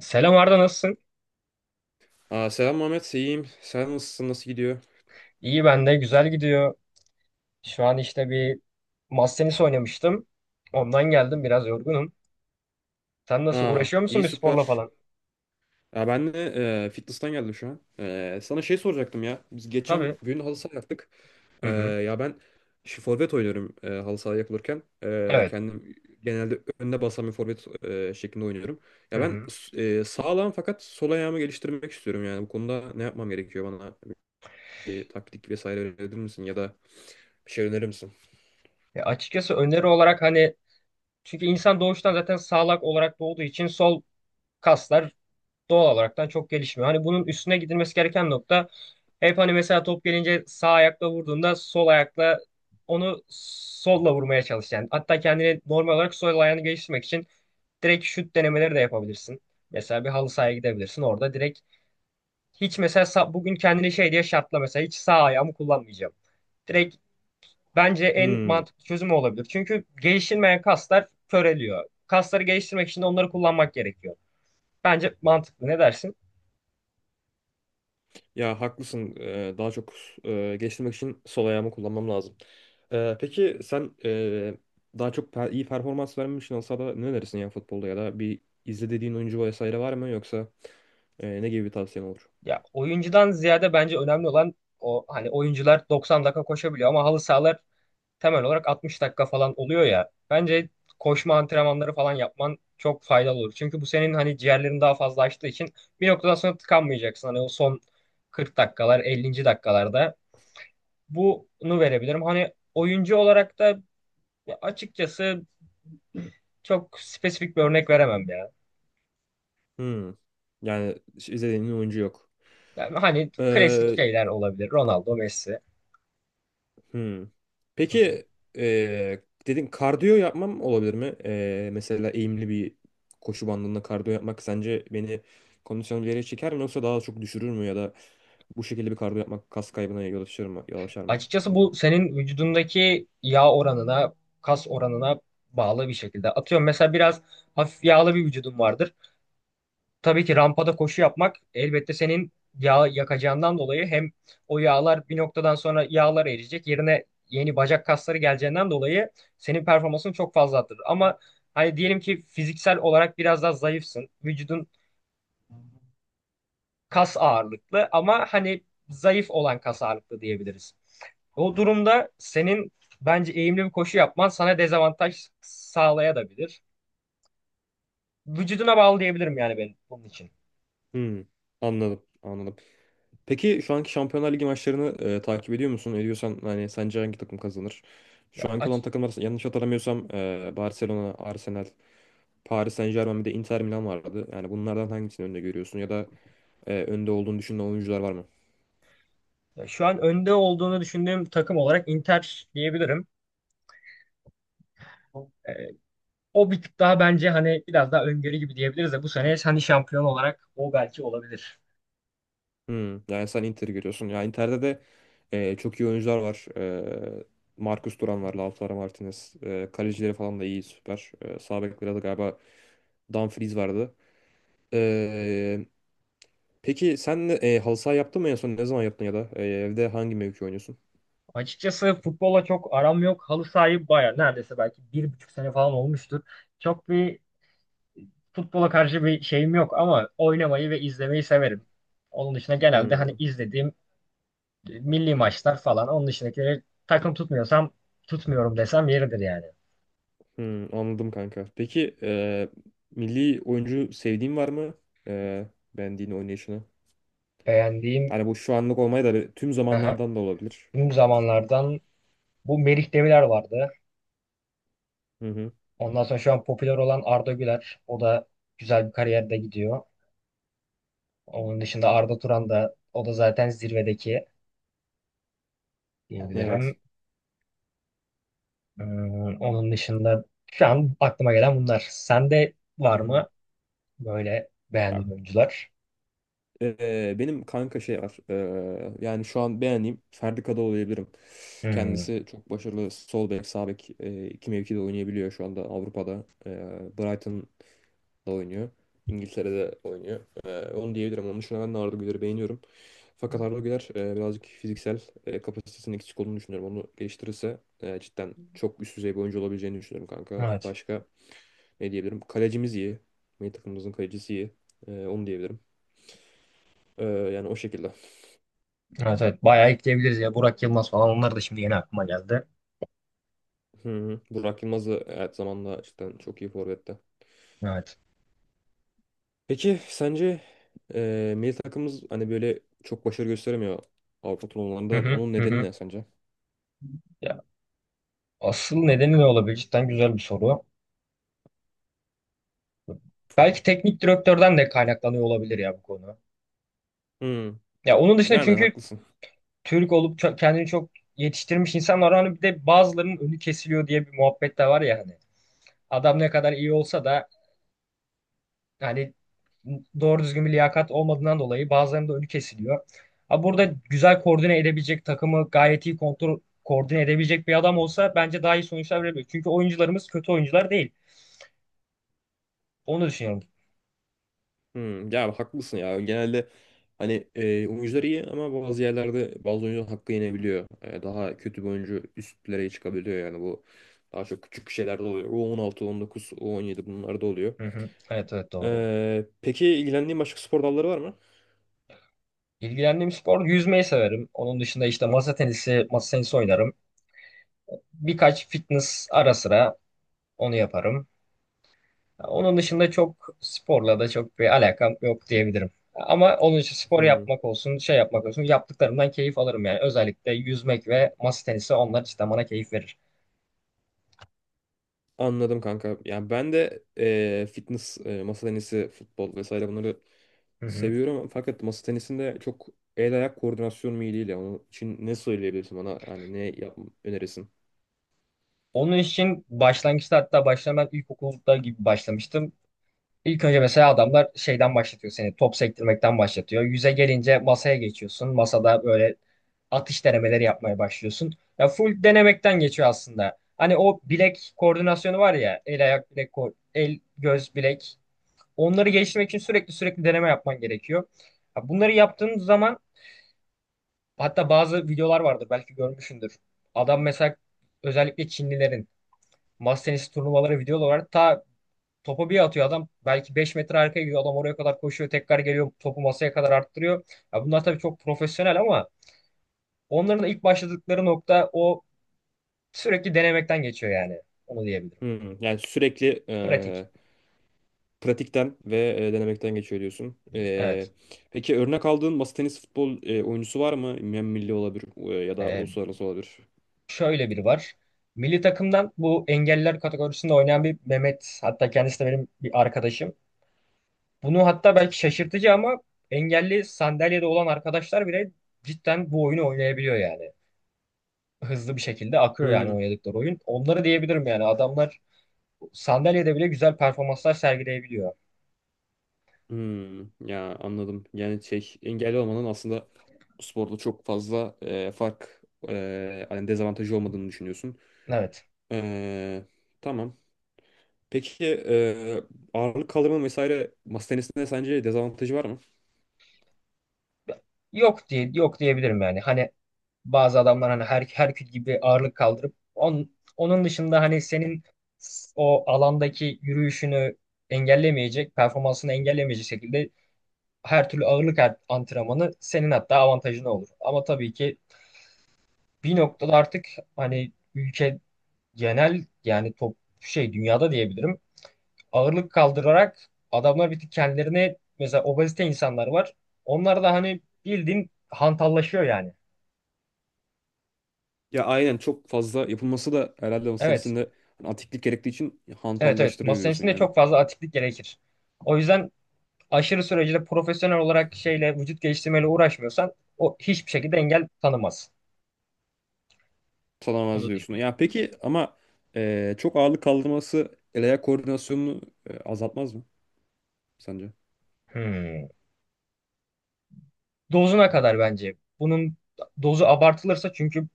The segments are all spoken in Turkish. Selam Arda, nasılsın? Aa, selam Mehmet, iyiyim. Sen nasılsın, nasıl gidiyor? İyi, ben de güzel gidiyor. Şu an işte bir masa tenisi oynamıştım. Ondan geldim, biraz yorgunum. Sen nasıl, Aa, uğraşıyor musun iyi bir sporla süper. falan? Ya ben de fitness'tan geldim şu an. Sana şey soracaktım ya. Biz geçen Tabii. gün halı saha yaptık. Hı E, hı. ya ben şu forvet oynuyorum halı saha yapılırken. E, Evet. kendim genelde önde basan bir forvet şeklinde oynuyorum. Hı Ya ben hı. Sağlam fakat sol ayağımı geliştirmek istiyorum yani. Bu konuda ne yapmam gerekiyor bana? Bir taktik vesaire önerir misin ya da bir şey önerir misin? Açıkçası öneri olarak hani, çünkü insan doğuştan zaten sağlak olarak doğduğu için sol kaslar doğal olaraktan çok gelişmiyor. Hani bunun üstüne gidilmesi gereken nokta, hep hani mesela top gelince sağ ayakla vurduğunda sol ayakla, onu solla vurmaya çalış yani. Hatta kendini normal olarak sol ayağını geliştirmek için direkt şut denemeleri de yapabilirsin. Mesela bir halı sahaya gidebilirsin. Orada direkt hiç mesela bugün kendini şey diye şartla, mesela hiç sağ ayağımı kullanmayacağım. Direkt, bence en Hmm. mantıklı çözüm o olabilir. Çünkü geliştirmeyen kaslar köreliyor. Kasları geliştirmek için de onları kullanmak gerekiyor. Bence mantıklı. Ne dersin? Ya haklısın. Daha çok geliştirmek için sol ayağımı kullanmam lazım. Peki sen daha çok iyi performans vermek için olsa da ne önerirsin ya futbolda ya da bir izle dediğin oyuncu vesaire var mı yoksa ne gibi bir tavsiyen olur? Ya, oyuncudan ziyade bence önemli olan, o hani oyuncular 90 dakika koşabiliyor ama halı sahalar temel olarak 60 dakika falan oluyor ya. Bence koşma antrenmanları falan yapman çok faydalı olur. Çünkü bu senin hani ciğerlerin daha fazla açtığı için bir noktadan sonra tıkanmayacaksın. Hani o son 40 dakikalar, 50. dakikalarda bunu verebilirim. Hani oyuncu olarak da açıkçası çok spesifik bir örnek veremem ya. Hmm. Yani hiç izlediğin oyuncu yok. Yani hani klasik Ee, şeyler olabilir. Ronaldo, Messi. Hmm. Hı hı. Peki dedin kardiyo yapmam olabilir mi? Mesela eğimli bir koşu bandında kardiyo yapmak sence beni kondisyonu bir yere çeker mi yoksa daha çok düşürür mü ya da bu şekilde bir kardiyo yapmak kas kaybına yol açar mı? Yol açar mı Açıkçası bende? bu senin vücudundaki yağ oranına, kas oranına bağlı bir şekilde. Atıyorum mesela biraz hafif yağlı bir vücudun vardır. Tabii ki rampada koşu yapmak elbette senin yağ yakacağından dolayı hem o yağlar bir noktadan sonra, yağlar eriyecek. Yerine yeni bacak kasları geleceğinden dolayı senin performansın çok fazla arttırır. Ama hani diyelim ki fiziksel olarak biraz daha zayıfsın. Vücudun kas ağırlıklı ama hani zayıf olan kas ağırlıklı diyebiliriz. O durumda senin bence eğimli bir koşu yapman sana dezavantaj sağlayabilir. Vücuduna bağlı diyebilirim yani ben bunun için. Hmm. Anladım, anladım. Peki şu anki Şampiyonlar Ligi maçlarını takip ediyor musun? Ediyorsan hani sence hangi takım kazanır? Şu Ya, anki olan aç- takımlar yanlış hatırlamıyorsam Barcelona, Arsenal, Paris Saint-Germain bir de Inter Milan vardı. Yani bunlardan hangisini önde görüyorsun ya da önde olduğunu düşündüğün oyuncular var mı? Ya şu an önde olduğunu düşündüğüm takım olarak Inter diyebilirim. Ee, O bir tık daha bence hani biraz daha öngörü gibi diyebiliriz de bu sene hani şampiyon olarak o belki olabilir. Yani sen Inter'i görüyorsun. Ya Inter'de de çok iyi oyuncular var. E, Marcus Thuram var, Lautaro Martinez. Kalecileri falan da iyi, süper. Sağ bekleri de galiba Dumfries vardı. E, peki sen halı saha yaptın mı en son? Ne zaman yaptın ya da evde hangi mevki oynuyorsun? Açıkçası futbola çok aram yok. Halı sahibi baya, neredeyse belki 1,5 sene falan olmuştur. Çok bir futbola karşı bir şeyim yok ama oynamayı ve izlemeyi severim. Onun dışında genelde hani Hmm. izlediğim milli maçlar falan. Onun dışındakileri takım tutmuyorsam, tutmuyorum desem yeridir yani. Anladım kanka. Peki milli oyuncu sevdiğin var mı? E, beğendiğin oynayışını. Beğendiğim, Hani bu şu anlık olmayı da tüm aha, zamanlardan da olabilir. tüm zamanlardan, bu Melih Demirer vardı. Hı hı. Ondan sonra şu an popüler olan Arda Güler. O da güzel bir kariyerde gidiyor. Onun dışında Arda Turan, da o da zaten zirvedeki diyebilirim. Evet. Hmm, onun dışında şu an aklıma gelen bunlar. Sende var Hmm. mı? Böyle Ya, beğendiğim oyuncular. Benim kanka şey var. Yani şu an beğendiğim Ferdi Kadıoğlu diyebilirim. Hmm. Kendisi çok başarılı sol bek, sağ bek iki mevkide oynayabiliyor şu anda Avrupa'da. Brighton oynuyor. İngiltere'de oynuyor. Onu diyebilirim. Onun dışında ben de Arda Güler'i beğeniyorum. Fakat Arda Güler birazcık fiziksel kapasitesinin eksik olduğunu düşünüyorum. Onu geliştirirse cidden çok üst düzey bir oyuncu olabileceğini düşünüyorum kanka. Evet. Başka ne diyebilirim? Kalecimiz iyi. Milli takımımızın kalecisi iyi. Onu diyebilirim. Yani o şekilde. Evet, evet. Bayağı ekleyebiliriz ya. Burak Yılmaz falan, onlar da şimdi yeni aklıma geldi. Hı hı. Burak Yılmaz da evet zamanla cidden çok iyi forvette. Evet. Peki sence milli takımımız hani böyle çok başarı gösteremiyor Avrupa Hı turnuvalarında. hı Onun hı. nedeni Hı. ne sence? Ya asıl nedeni ne olabilir? Cidden güzel bir soru. Belki teknik direktörden de kaynaklanıyor olabilir ya bu konu. Hı. Ya onun dışında, Yani çünkü haklısın. Türk olup çok kendini çok yetiştirmiş insanlar var. Hani bir de bazılarının önü kesiliyor diye bir muhabbet de var ya hani. Adam ne kadar iyi olsa da, yani doğru düzgün bir liyakat olmadığından dolayı bazılarında önü kesiliyor. Ha burada güzel koordine edebilecek, takımı gayet iyi kontrol koordine edebilecek bir adam olsa bence daha iyi sonuçlar verebilir. Çünkü oyuncularımız kötü oyuncular değil. Onu düşünüyorum. Ya haklısın ya. Genelde hani oyuncular iyi ama bazı yerlerde bazı oyuncular hakkı yenebiliyor. Daha kötü bir oyuncu üstlere çıkabiliyor yani bu daha çok küçük şeylerde oluyor. U16, U19, U17 bunlar da oluyor. Hı hı. Evet, evet, doğru. Peki ilgilendiğin başka spor dalları var mı? İlgilendiğim spor, yüzmeyi severim. Onun dışında işte masa tenisi, masa tenisi oynarım. Birkaç fitness, ara sıra onu yaparım. Onun dışında çok sporla da çok bir alakam yok diyebilirim. Ama onun için spor Hmm, yapmak olsun, şey yapmak olsun, yaptıklarımdan keyif alırım yani. Özellikle yüzmek ve masa tenisi, onlar cidden bana keyif verir. anladım kanka. Yani ben de fitness, masa tenisi, futbol vesaire bunları Hı hı. seviyorum. Fakat masa tenisinde çok el ayak koordinasyon mu iyi değil ya. Onun için ne söyleyebilirsin bana? Yani ne yap önerirsin? Onun için başlangıçta, hatta başlamak ilkokulda gibi başlamıştım. İlk önce mesela adamlar şeyden başlatıyor seni. Top sektirmekten başlatıyor. Yüze gelince masaya geçiyorsun. Masada böyle atış denemeleri yapmaya başlıyorsun. Ya full denemekten geçiyor aslında. Hani o bilek koordinasyonu var ya, el ayak bilek el göz bilek. Onları geliştirmek için sürekli deneme yapman gerekiyor. Ya bunları yaptığın zaman, hatta bazı videolar vardır belki görmüşsündür. Adam mesela, özellikle Çinlilerin masa tenisi turnuvaları videoları var. Ta topu bir atıyor adam. Belki 5 metre arkaya gidiyor. Adam oraya kadar koşuyor. Tekrar geliyor. Topu masaya kadar arttırıyor. Ya bunlar tabii çok profesyonel ama onların da ilk başladıkları nokta o, sürekli denemekten geçiyor yani. Onu diyebilirim. Yani sürekli Pratik. Pratikten ve denemekten geçiyor diyorsun. E, Evet. peki örnek aldığın masa tenisi futbol oyuncusu var mı? Hem milli olabilir ya da Ee, uluslararası olabilir. Şöyle biri var. Milli takımdan bu engelliler kategorisinde oynayan bir Mehmet. Hatta kendisi de benim bir arkadaşım. Bunu, hatta belki şaşırtıcı ama, engelli sandalyede olan arkadaşlar bile cidden bu oyunu oynayabiliyor yani. Hızlı bir şekilde akıyor yani Hmm, oynadıkları oyun. Onları diyebilirim yani, adamlar sandalyede bile güzel performanslar sergileyebiliyor. ya anladım. Yani şey engelli olmanın aslında bu sporda çok fazla fark hani dezavantajı olmadığını düşünüyorsun. Evet. E, tamam. Peki ağırlık kaldırma vesaire masa tenisinde sence dezavantajı var mı? Yok diyebilirim yani. Hani bazı adamlar hani her Herkül gibi ağırlık kaldırıp on, onun dışında hani senin o alandaki yürüyüşünü engellemeyecek, performansını engellemeyecek şekilde her türlü ağırlık antrenmanı senin hatta avantajına olur. Ama tabii ki bir noktada artık hani ülke genel, yani top şey dünyada diyebilirim, ağırlık kaldırarak adamlar bir tık kendilerine, mesela obezite insanlar var. Onlar da hani bildiğin hantallaşıyor yani. Ya aynen çok fazla yapılması da herhalde o Evet. senesinde antiklik gerektiği için Evet, evet. hantallaştırıyor Masa diyorsun tenisinde yani. çok fazla atiklik gerekir. O yüzden aşırı sürecinde profesyonel olarak şeyle, vücut geliştirmeyle uğraşmıyorsan o hiçbir şekilde engel tanımaz. Tutamaz Onu diyorsun. diyebilirim. Ya Hı hı. peki ama çok ağırlık kaldırması el ayak koordinasyonunu azaltmaz mı sence? Hmm. Dozuna kadar bence. Bunun dozu abartılırsa, çünkü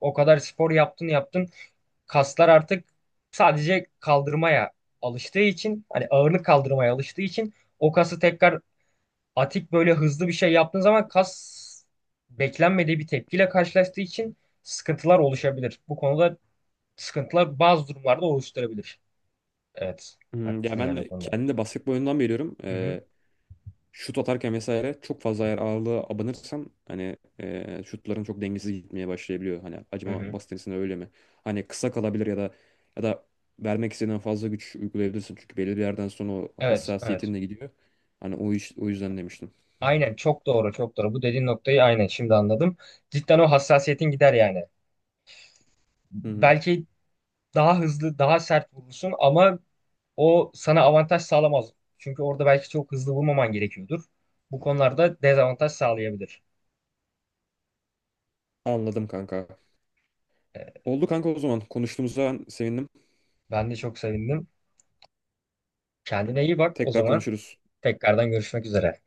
o kadar spor yaptın yaptın, kaslar artık sadece kaldırmaya alıştığı için, hani ağırlık kaldırmaya alıştığı için, o kası tekrar atik böyle hızlı bir şey yaptığın zaman, kas beklenmediği bir tepkiyle karşılaştığı için sıkıntılar oluşabilir. Bu konuda sıkıntılar bazı durumlarda oluşturabilir. Evet. Ya Haklısın ben yani o de konuda. kendi de basketbol oyundan biliyorum. Hı hı. Şut atarken vesaire çok fazla eğer ağırlığa abanırsam hani şutların çok dengesiz gitmeye başlayabiliyor. Hani Hı acaba hı. masa tenisinde öyle mi? Hani kısa kalabilir ya da ya da vermek istediğinden fazla güç uygulayabilirsin. Çünkü belli bir yerden sonra o Evet, evet. hassasiyetin de gidiyor. Hani o iş, o yüzden demiştim. Aynen, çok doğru, çok doğru. Bu dediğin noktayı aynen şimdi anladım. Cidden o hassasiyetin gider yani. Hı hı. Belki daha hızlı, daha sert vurursun ama o sana avantaj sağlamaz. Çünkü orada belki çok hızlı vurmaman gerekiyordur. Bu konularda dezavantaj sağlayabilir. Anladım kanka. Ee, Oldu kanka o zaman. Konuştuğumuza sevindim. Ben de çok sevindim. Kendine iyi bak o Tekrar zaman. konuşuruz. Tekrardan görüşmek üzere.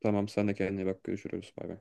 Tamam sen de kendine iyi bak. Görüşürüz. Bay bay.